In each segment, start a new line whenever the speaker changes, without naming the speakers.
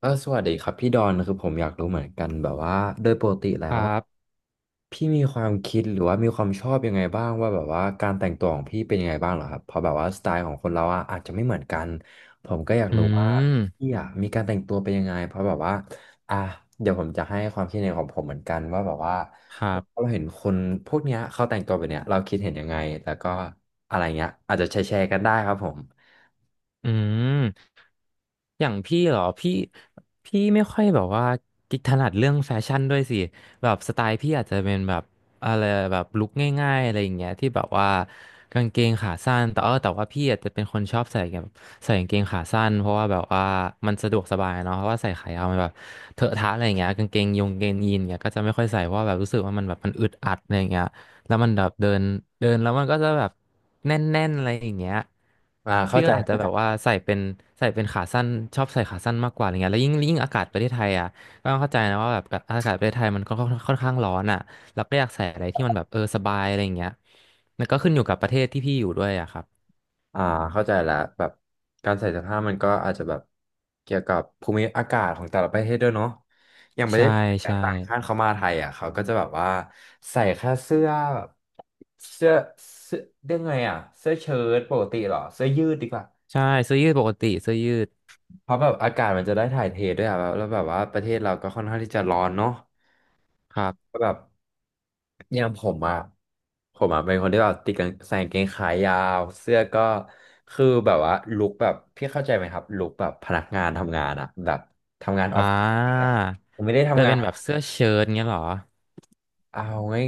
สวัสดีครับพี่ดอนคือผมอยากรู้เหมือนกันแบบว่าโดยปกติแล้
ค
ว
รั
ว่า
บ
พี่มีความคิดหรือว่ามีความชอบยังไงบ้างว่าแบบว่าการแต่งตัวของพี่เป็นยังไงบ้างเหรอครับเพราะแบบว่าสไตล์ของคนเราอะอาจจะไม่เหมือนกันผมก็อยาก
อื
รู้ว่า
ม
พี่อะมีการแต่งตัวเป็นยังไงเพราะแบบว่าอ่ะเดี๋ยวผมจะให้ความคิดเห็นของผมเหมือนกันว่าแบบว่า
ครั
เรา
บ
เห็นคนพวกเนี้ยเขาแต่งตัวแบบเนี้ยเราคิดเห็นยังไงแล้วก็อะไรเงี้ยอาจจะแชร์ๆกันได้ครับผม
อืม อย่างพี่เหรอพี่ไม่ค่อยแบบว่ากิจถนัดเรื่องแฟชั่นด้วยสิแบบสไตล์พี่อาจจะเป็นแบบอะไรแบบลุคง่ายๆอะไรอย่างเงี้ยที่แบบว่ากางเกงขาสั้นแต่ว่าพี่อาจจะเป็นคนชอบใส่แบบใส่กางเกงขาสั้นเพราะว่าแบบว่ามันสะดวกสบายเนาะเพราะว่าใส่ขายาวมันแบบเถอะทะอะไรอย่างเงี้ยกางเกงยีนเงี้ยก็จะไม่ค่อยใส่เพราะว่าแบบรู้สึกว่ามันแบบมันอึดอัดอะไรอย่างเงี้ย แล้วมันแบบเดินเดินแล้วมันก็จะแบบแน่นๆอะไรอย่างเงี้ย
อ่าเข้า
พี่
ใจ
ก็อาจจะแบบว่าใส่เป็นใส่เป็นขาสั้นชอบใส่ขาสั้นมากกว่าอะไรเงี้ยแล้วยิ่งอากาศประเทศไทยอ่ะก็ต้องเข้าใจนะว่าแบบอากาศประเทศไทยมันก็ค่อนข้างร้อนอ่ะเราก็อยากใส่อะไรที่มันแบบเออสบายอะไรอย่างเงี้ยแล้วก็ขึ้นอยู่กับประเทศที่พี่อยู่ด้วยอ่ะครับ
อ่าเข้าใจละแบบการใส่เสื้อผ้ามันก็อาจจะแบบเกี่ยวกับภูมิอากาศของแต่ละประเทศด้วยเนาะอย่างประเท
ใช่
ศ
ใช่
ต่างชาติเขามาไทยอ่ะเขาก็จะแบบว่าใส่แค่เสื้อแบบเสื้อเสื้อเรียกไงอ่ะเสื้อเชิ้ตปกติเหรอเสื้อยืดดีกว่า
ใช่เสื้อยืดปกติเสื้อยืด
เพราะแบบอากาศมันจะได้ถ่ายเทด้วยอ่ะแล้วแบบว่าประเทศเราก็ค่อนข้างที่จะร้อนเนาะ
ครับ
ก็แบบอย่างผมอ่ะผมอ่ะเป็นคนที่แบบติดกางใส่กางเกงขายาวเสื้อก็คือแบบว่าลุคแบบพี่เข้าใจไหมครับลุคแบบพนักงานทำงานอ่ะแบบทำงานอ
อ่
อฟฟิศอย่างเงี้
า
ยผมไม่ได้
แต่
ทำงา
เป็
น
นแบบเสื้อเชิ้ตเงี้ยเหรอ
เอา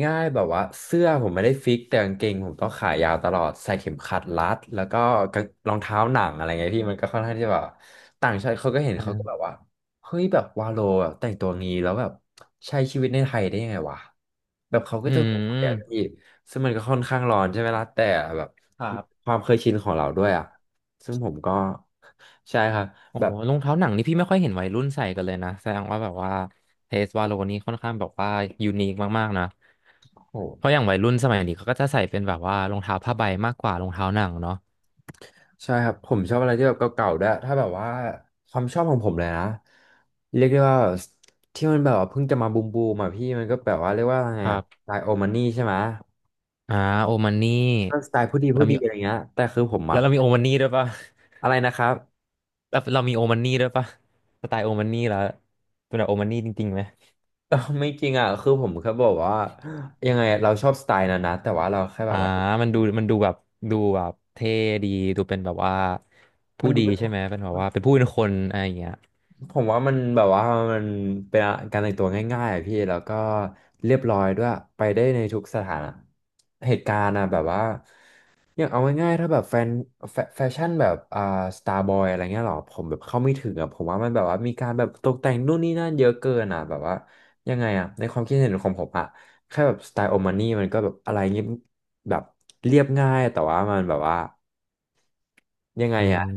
ง่ายๆแบบว่าเสื้อผมไม่ได้ฟิกแต่กางเกงผมต้องขายาวตลอดใส่เข็มขัดรัดแล้วก็กางรองเท้าหนังอะไรเงี้ยพี่มันก็ค่อนข้างที่จะแบบต่างชาติเขาก็เห็นเขาก็แบ
อ่า
บว่าเฮ้ยแบบวาโลแบแต่งตัวงี้แล้วแบบใช้ชีวิตในไทยได้ยังไงวะแบบเขาก็
อื
จะสงสัยอะพี่
ม
ซึ่งมันก็ค่อนข้างร้อนใช่ไหมล่ะแต่แบบ
ครับ
ความเคยชินของเราด้วยอ่ะซึ่งผมก็ ใช่ครับ
โอ้
แบบ
รองเท้าหนังนี่พี่ไม่ค่อยเห็นวัยรุ่นใส่กันเลยนะแสดงว่าแบบว่าเทสวาโลนี่ค่อนข้างแบบว่ายูนิคมากๆนะ
โห
เพราะอย่างวัยรุ่นสมัยนี้เขาก็จะใส่เป็นแบบว่ารองเท้าผ้าใบมากกว่ารองเท้าหนังเนาะ
ใช่ครับผมชอบอะไรที่แบบเก่าๆด้วยถ้าแบบว่าความชอบของผมเลยนะเรียกได้ว่าที่มันแบบว่าเพิ่งจะมาบูมบูมอ่ะพี่มันก็แบบว่าเรียกว่าไง
ครั
อะส
บ
ไตล์โอมานี่ใช่ไหม
อ่าโอมันนี่
ก็สไตล์ผู้ดี
เรา
ผู้
มี
ดีอะไรเงี้ยแต่คือผม
แล้
อ่ะ
วเรามีโอมันนี่ด้วยปะ
อะไรนะครับ
แล้วเรามีโอมันนี่ด้วยปะสไตล์โอมันนี่แล้วเป็นแบบโอมันนี่จริงๆไหม
ไม่จริงอ่ะคือผมแค่บอกว่ายังไงเราชอบสไตล์นั้นนะแต่ว่าเราแค่แบ
อ่า
บว่า
มันดูแบบดูแบบเท่ดีดูเป็นแบบว่า
มั
ผู้
นดู
ดี
เป็น
ใช่ไหมเป็นแบบว่าเป็นผู้เป็นคนอะไรอย่างเงี้ย
ผมว่ามันแบบว่ามันเป็นการแต่งตัวง่ายๆอะพี่แล้วก็เรียบร้อยด้วยไปได้ในทุกสถานะเหตุการณ์อะแบบว่าอย่างเอาง่ายๆถ้าแบบแฟนแฟชั่นแบบสตาร์บอยอะไรเงี้ยหรอผมแบบเข้าไม่ถึงอะผมว่ามันแบบว่ามีการแบบตกแต่งนู่นนี่นั่นเยอะเกินอะแบบว่ายังไงอะในความคิดเห็นของผมอะแค่แบบสไตล์โอมานี่มันก็แบบอะไรเงี้ยแบบเรียบง่ายแต่ว่ามันแบบว่ายังไง
อื
อะ
ม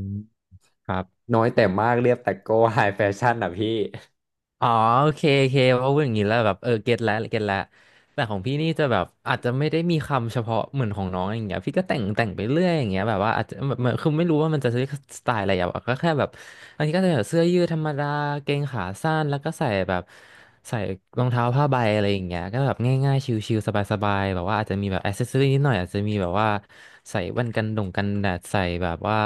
ครับ
น้อยแต่มากเรียบแต่โก้ไฮแฟชั่นอะพี่
อ๋อโอเคโอเคเพราะว่าอย่างนี้แล้วแบบเออเก็ตแล้วแต่ของพี่นี่จะแบบอาจจะไม่ได้มีคำเฉพาะเหมือนของน้องอย่างเงี้ยพี่ก็แต่งไปเรื่อยอย่างเงี้ยแบบว่าอาจจะแบบมันคือไม่รู้ว่ามันจะเรียกสไตล์อะไรอ่ะก็แค่แบบอันนี้ก็จะแบบเสื้อยืดธรรมดาเกงขาสั้นแล้วก็ใส่แบบใส่รองเท้าผ้าใบอะไรอย่างเงี้ยก็แบบง่ายๆชิลๆสบายๆแบบว่าอาจจะมีแบบแอ c เซสซอรี่นิดหน่อยอาจจะมีแบบว่าใส่แว่นกันดงกันแดดใส่แบบว่า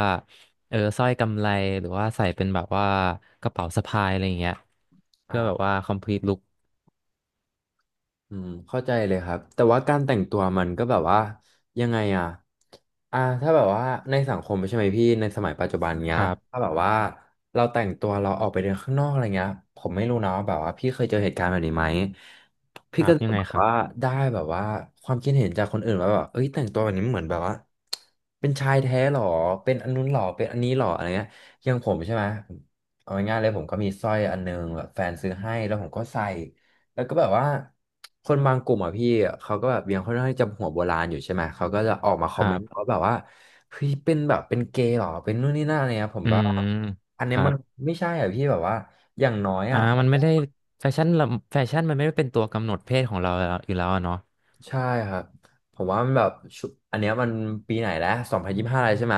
เออสร้อยกำไรหรือว่าใส่เป็นแบบว่ากระเป๋าสะพายอะไรอย่างเงี้ยเพื่อแบบ
อ่า
ว่า complete look
อืมเข้าใจเลยครับแต่ว่าการแต่งตัวมันก็แบบว่ายังไงอ่ะอ่าถ้าแบบว่าในสังคมใช่ไหมพี่ในสมัยปัจจุบันเนี้
ค
ย
รั
ถ้า
บ
แบบว่าเราแต่งตัวเราออกไปเดินข้างนอกอะไรเงี้ยผมไม่รู้นะว่าแบบว่าพี่เคยเจอเหตุการณ์แบบนี้ไหม
ค
พี่
รั
ก็
บ
จะ
ยัง
แบ
ไง
บ
ครั
ว่า
บ
ได้แบบว่าความคิดเห็นจากคนอื่นว่าแบบเอ้ยแต่งตัวแบบนี้เหมือนแบบว่าเป็นชายแท้หรอเป็นอันนู้นหรอเป็นอันนี้หรออะไรเงี้ยอย่างผมใช่ไหมเอาง่ายๆเลยผมก็มีสร้อยอันนึงแบบแฟนซื้อให้แล้วผมก็ใส่ แล้วก็แบบว่าคนบางกลุ่มอ่ะพี่เขาก็แบบยังค่อนข้างที่จะหัวโบราณอยู่ใช่ไหมเขาก็จะออกมาคอ
ค
มเม
รั
นต์ว่า
บ
แบบว่าเฮ้ยเป็นแบบเป็นเกย์เหรอเป็นนู่นนี่นั่นอะไรเงี้ยผม
อื
แบบว่า
ม
อัน
ค
เนี้ย
รั
มัน
บ
ไม่ใช่อ่ะพี่แบบว่าอย่างน้อย
อ่า
อ่ะ
มันไม่ได้แฟชั่นละแฟชั่นมันไม่ได้เป็นตัวกำหนดเพศของเราแล้วอยู่แล้วอะเนาะ
ใช่ครับผมว่ามันแบบชุอันเนี้ยมันปีไหนแล้ว2025อะไรใช่ไหม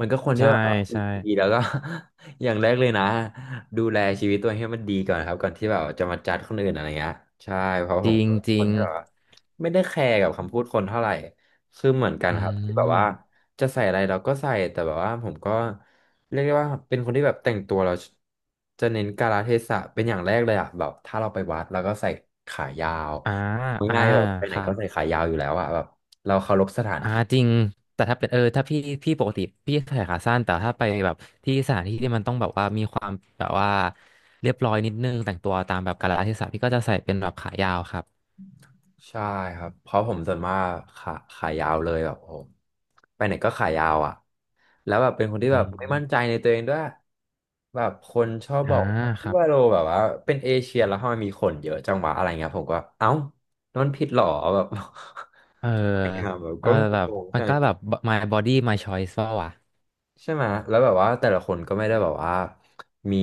มันก็ควรที่
ใช่
แบบ
ใช่
ดีแล้วก็ อย่างแรกเลยนะดูแลชีวิตตัวเองให้มันดีก่อนครับก่อนที่แบบจะมาจัดคนอื่นอะไรเงี้ยใช่เพราะ
จ
ผม
ริง
เป็น
จ
ค
ริ
น
ง
ที่แบบว่าไม่ได้แคร์กับคำพูดคนเท่าไหร่คือเหมือนกัน
อื
ครับที่แบบว่า
ม
จะใส่อะไรเราก็ใส่แต่แบบว่าผมก็เรียกได้ว่าเป็นคนที่แบบแต่งตัวเราจะเน้นกาลเทศะเป็นอย่างแรกเลยอะแบบถ้าเราไปวัดเราก็ใส่ขายาว
อ่าอ่า
ง่ายๆแบบไปไห
ค
น
รั
ก็
บ
ใส่ขายาวอยู่แล้วอะแบบเราเคารพสถาน
อ่า
ที่
จริงแต่ถ้าเป็นเออถ้าพี่ปกติพี่ใส่ขาสั้นแต่ถ้าไปแบบที่สถานที่ที่มันต้องแบบว่ามีความแบบว่าเรียบร้อยนิดนึงแต่งตัวตามแบบกาลเทศะพี่ก็จะใส่เป็นแบบขายาวครับ
ใช่ครับเพราะผมส่วนมากขายาวเลยแบบผมไปไหนก็ขายาวอ่ะแล้วแบบเป็นคนที่
อื
แบบไม่มั่นใจ
ม
ในตัวเองด้วยแบบคนชอบ
อ่า
บอกว่า
ค
พี่
รับ
ว่าโลแบบว่าเป็นเอเชียแล้วทำไมมีขนเยอะจังวะอะไรเงี้ยผมก็เอ้านั่นผิดเหรอแบบ
เออ
แบบ
เออ
ก็
แบบ
งงๆ
มัน
ใช่
ก็แบบ my body my choice ว่าวะ
ใช่ไหมแล้วแบบว่าแต่ละคนก็ไม่ได้แบบว่ามี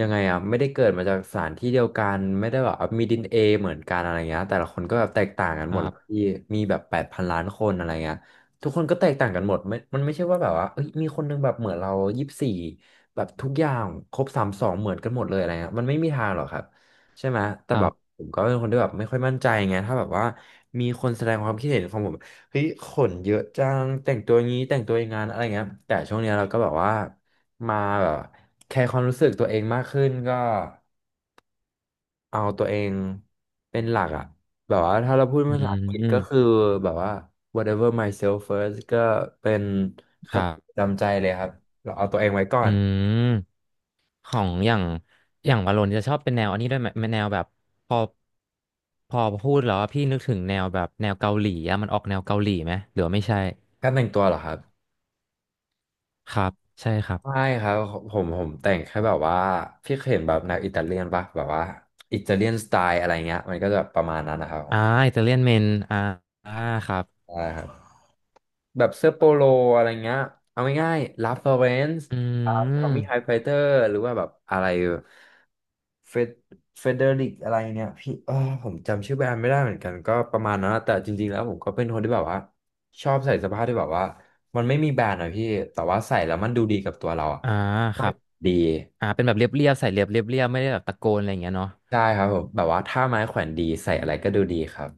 ยังไงอ่ะไม่ได้เกิดมาจากสถานที่เดียวกันไม่ได้แบบว่ามีดีเอ็นเอเหมือนกันอะไรเงี้ยแต่ละคนก็แบบแตกต่างกัน
ค
หม
รั
ดแล้ว
บ
พี่มีแบบ8,000,000,000คนอะไรเงี้ยทุกคนก็แตกต่างกันหมดไม่มันไม่ใช่ว่าแบบว่าเอ้ยมีคนนึงแบบเหมือนเรา24แบบทุกอย่างครบ32เหมือนกันหมดเลยอะไรเงี้ยมันไม่มีทางหรอกครับใช่ไหมแต่
ค
แบ
รั
บ
บ
ผมก็เป็นคนที่แบบไม่ค่อยมั่นใจไงถ้าแบบว่ามีคนแสดงความคิดเห็นของผม เฮ้ยขนเยอะจังแต่งตัวงี้แต่งตัวอย่างงานอะไรเงี้ยแต่ช่วงเนี้ยเราก็แบบว่ามาแบบแคร์ความรู้สึกตัวเองมากขึ้นก็เอาตัวเองเป็นหลักอะแบบว่าถ้าเราพูด
อื
ภาษาอังกฤษก็คือ
ม
แบบว่า whatever myself first ก็เป็นค
ครั
ติประ
บ
จำใจเลยครับเราเอาตัวเองไว้ก่อ
อื
น
ม ของอย่างอย่างวาโลนจะชอบเป็นแนวอันนี้ด้วยไหมแนวแบบพอพอพูดแล้วอะพี่นึกถึงแนวแบบแนวเกาหลีอะมันออกแนวเกาหลีไหมหรือว่าไม่ใช่
การแต่งตัวเหรอครับ
ครับใช่ครั
ไม่
บ
ครับผมแต่งแค่แบบว่าพี่เคยเห็นแบบแนวอิตาเลียนปะแบบว่าอิตาเลียนสไตล์อะไรเงี้ยมันก็จะประมาณนั้นนะครับผ
อ่า
ม
อิตาเลียนเมนอ่าอ่าครับ
ใช่ครับ แบบเสื้อโปโลอะไรเงี้ยเอาง่ายๆลาฟลอเรนซ์
อื
ทอมมี่ไฮ
ม
ไฟเตอร์หรือว่าแบบอะไรเฟดเฟเดริกอะไรเนี่ยพี่ผมจำชื่อแบรนด์ไม่ได้เหมือนกันก็ประมาณนั้นนะแต่จริงๆแล้วผมก็เป็นคนที่แบบว่าชอบใส่เสื้อผ้าที่แบบว่ามันไม่มีแบรนด์อะพี่แต่ว่าใส่แล้วมันดูดีกับตัวเราอะ
อ่าครับ
ดี
อ่าเป็นแบบเรียบใส่เรียบเรียบไม่ได้แบบตะโกนอะไรอย่างเงี้ยเนาะ
ใช่ครับผมแบบว่าถ้าไม้แขวนดีใส่อะไรก็ดูดีครับ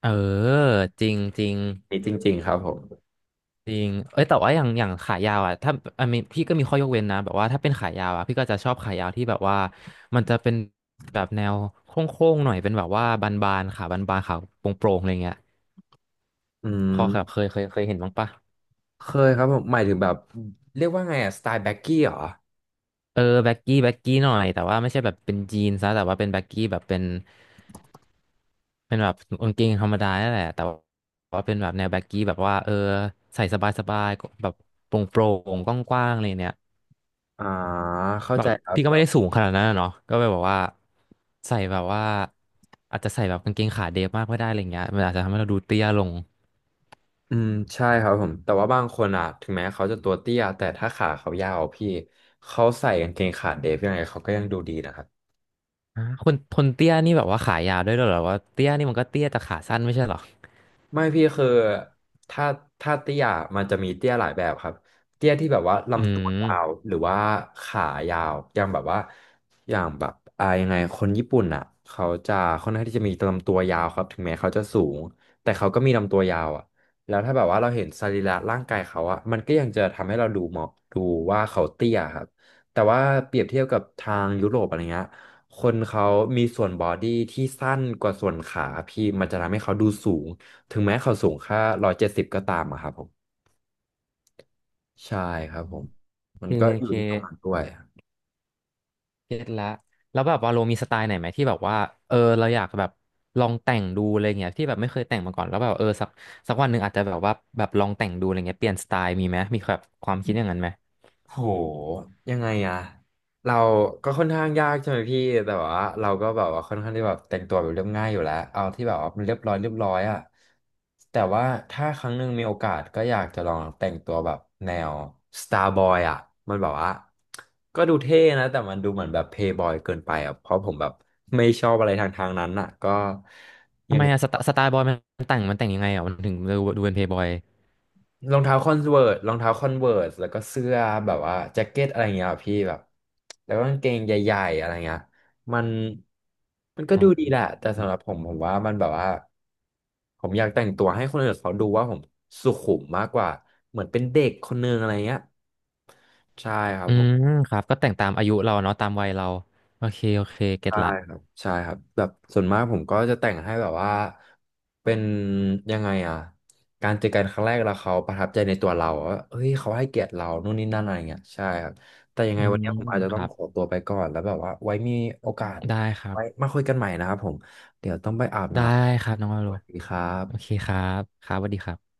เออจริงจริง
นี่จริงๆครับผม
จริงเอ้ยแต่ว่าอย่างขายาวอ่ะถ้าอันนี้พี่ก็มีข้อยกเว้นนะแบบว่าถ้าเป็นขายาวอ่ะพี่ก็จะชอบขายาวที่แบบว่ามันจะเป็นแบบแนวโค้งๆหน่อยเป็นแบบว่าบานๆบานๆขาโปร่งๆอะไรเงี้ย
อื
พอแบบ
ม
เคยเห็นบ้างปะ
เคยครับผมหมายถึงแบบเรียกว่าไงอะสไตล์แบ็กกี้เหรอ
เออแบ็กกี้หน่อยแต่ว่าไม่ใช่แบบเป็นยีนซะแต่ว่าเป็นแบ็กกี้แบบเป็นแบบกางเกงธรรมดานั่นแหละแต่ว่าเป็นแบบแนวแบ็กกี้แบบว่าเออใส่สบายๆแบบโปร่งๆกว้างๆอะไรเนี่ย
อ่าเข้า
แบ
ใจ
บ
ครับ
พี่ก็
แบ
ไม่ได้
บ
สูงขนาดนั้นอะเนาะก็เลยแบอกว่าใส่แบบว่าอาจจะใส่แบบกางเกงขาเดฟมากไม่ได้อะไรเงี้ยมันอาจจะทำให้เราดูเตี้ยลง
อืมใช่ครับผมแต่ว่าบางคนอ่ะถึงแม้เขาจะตัวเตี้ยแต่ถ้าขาเขายาวพี่เขาใส่กางเกงขาเดฟยังไงเขาก็ยังดูดีนะครับ
อ่าคนเตี้ยนี่แบบว่าขายาวด้วยเหรอว่าเตี้ยนี่มันก็เตี้ยแต่ขาสั้นไม่ใช่เหรอ
ไม่พี่คือถ้าถ้าเตี้ยมันจะมีเตี้ยหลายแบบครับเตี้ยที่แบบว่า
อื
ลำตัวยาว
ม
หรือว่าขายาวอย่างแบบว่าอย่างแบบยังไงคนญี่ปุ่นอ่ะเขาจะค่อนข้างที่จะมีลำตัวยาวครับถึงแม้เขาจะสูงแต่เขาก็มีลำตัวยาวอ่ะแล้วถ้าแบบว่าเราเห็นสรีระร่างกายเขาอ่ะมันก็ยังจะทำให้เราดูเหมาะดูว่าเขาเตี้ยครับแต่ว่าเปรียบเทียบกับทางยุโรปอะไรเงี้ยคนเขามีส่วนบอดี้ที่สั้นกว่าส่วนขาพี่มันจะทำให้เขาดูสูง ถึงแม้เขาสูงแค่170ก็ตามอะครับผมใช่ครับผม
โอ
มั
เค
นก็
โอ
อยู่
เค
ที่ตรงนั้นด้วย
เก็ตละแล้วแบบว่าโลมีสไตล์ไหนไหมที่แบบว่าเออเราอยากแบบลองแต่งดูอะไรเงี้ยที่แบบไม่เคยแต่งมาก่อนแล้วแบบเออสักวันหนึ่งอาจจะแบบว่าแบบลองแต่งดูอะไรเงี้ยเปลี่ยนสไตล์มีไหมมีแบบความคิดอย่างนั้นไหม
โหยังไงอะเราก็ค่อนข้างยากใช่ไหมพี่แต่ว่าเราก็แบบว่าค่อนข้างที่แบบแต่งตัวแบบเรียบง่ายอยู่แล้วเอาที่แบบว่ามันเรียบร้อยอะแต่ว่าถ้าครั้งหนึ่งมีโอกาสก็อยากจะลองแต่งตัวแบบแนว Starboy อะมันแบบว่าก็ดูเท่นะแต่มันดูเหมือนแบบ Playboy เกินไปอะเพราะผมแบบไม่ชอบอะไรทางนั้นอะก็
ทำไมอะสไตล์บอยมันแต่งยังไงอ่ะมันถึงดูเป็นเพย์บอย
รองเท้าคอนเวิร์สรองเท้าคอนเวิร์สแล้วก็เสื้อแบบว่าแจ็คเก็ตอะไรเงี้ยอะพี่แบบแล้วก็กางเกงใหญ่ๆอะไรเงี้ยมันมันก็
อ๋อ
ดูดีแหละแต่สำหรับผมว่ามันแบบว่าผมอยากแต่งตัวให้คนอื่นเขาดูว่าผมสุขุมมากกว่าเหมือนเป็นเด็กคนนึงอะไรเงี้ยใช่ครับ
อื
ผม
มครับก็แต่งตามอายุเราเนาะตามวัยเราโอเคโอเคเก็ต
ใช่
ละ
ครับแบบส่วนมากผมก็จะแต่งให้แบบว่าเป็นยังไงอ่ะการเจอกันครั้งแรกแล้วเขาประทับใจในตัวเราว่าเฮ้ยเขาให้เกียรติเรานู่นนี่นั่นอะไรเงี้ยใช่ครับแต่ยัง
อื
ไงวัน
ม
นี้ผมอาจจะ
ค
ต้อง
รับ
ขอตัวไปก่อนแล้วแบบว่าไว้มีโอกาส
ได้ครั
ไว้
บ
มาคุยกันใหม่นะครับผมเดี๋ยวต้องไปอาบ
ได้
น้
ครับน้องวา
ำส
โล
วัสดีครับ
โอเคครับครับสวัสดีครับ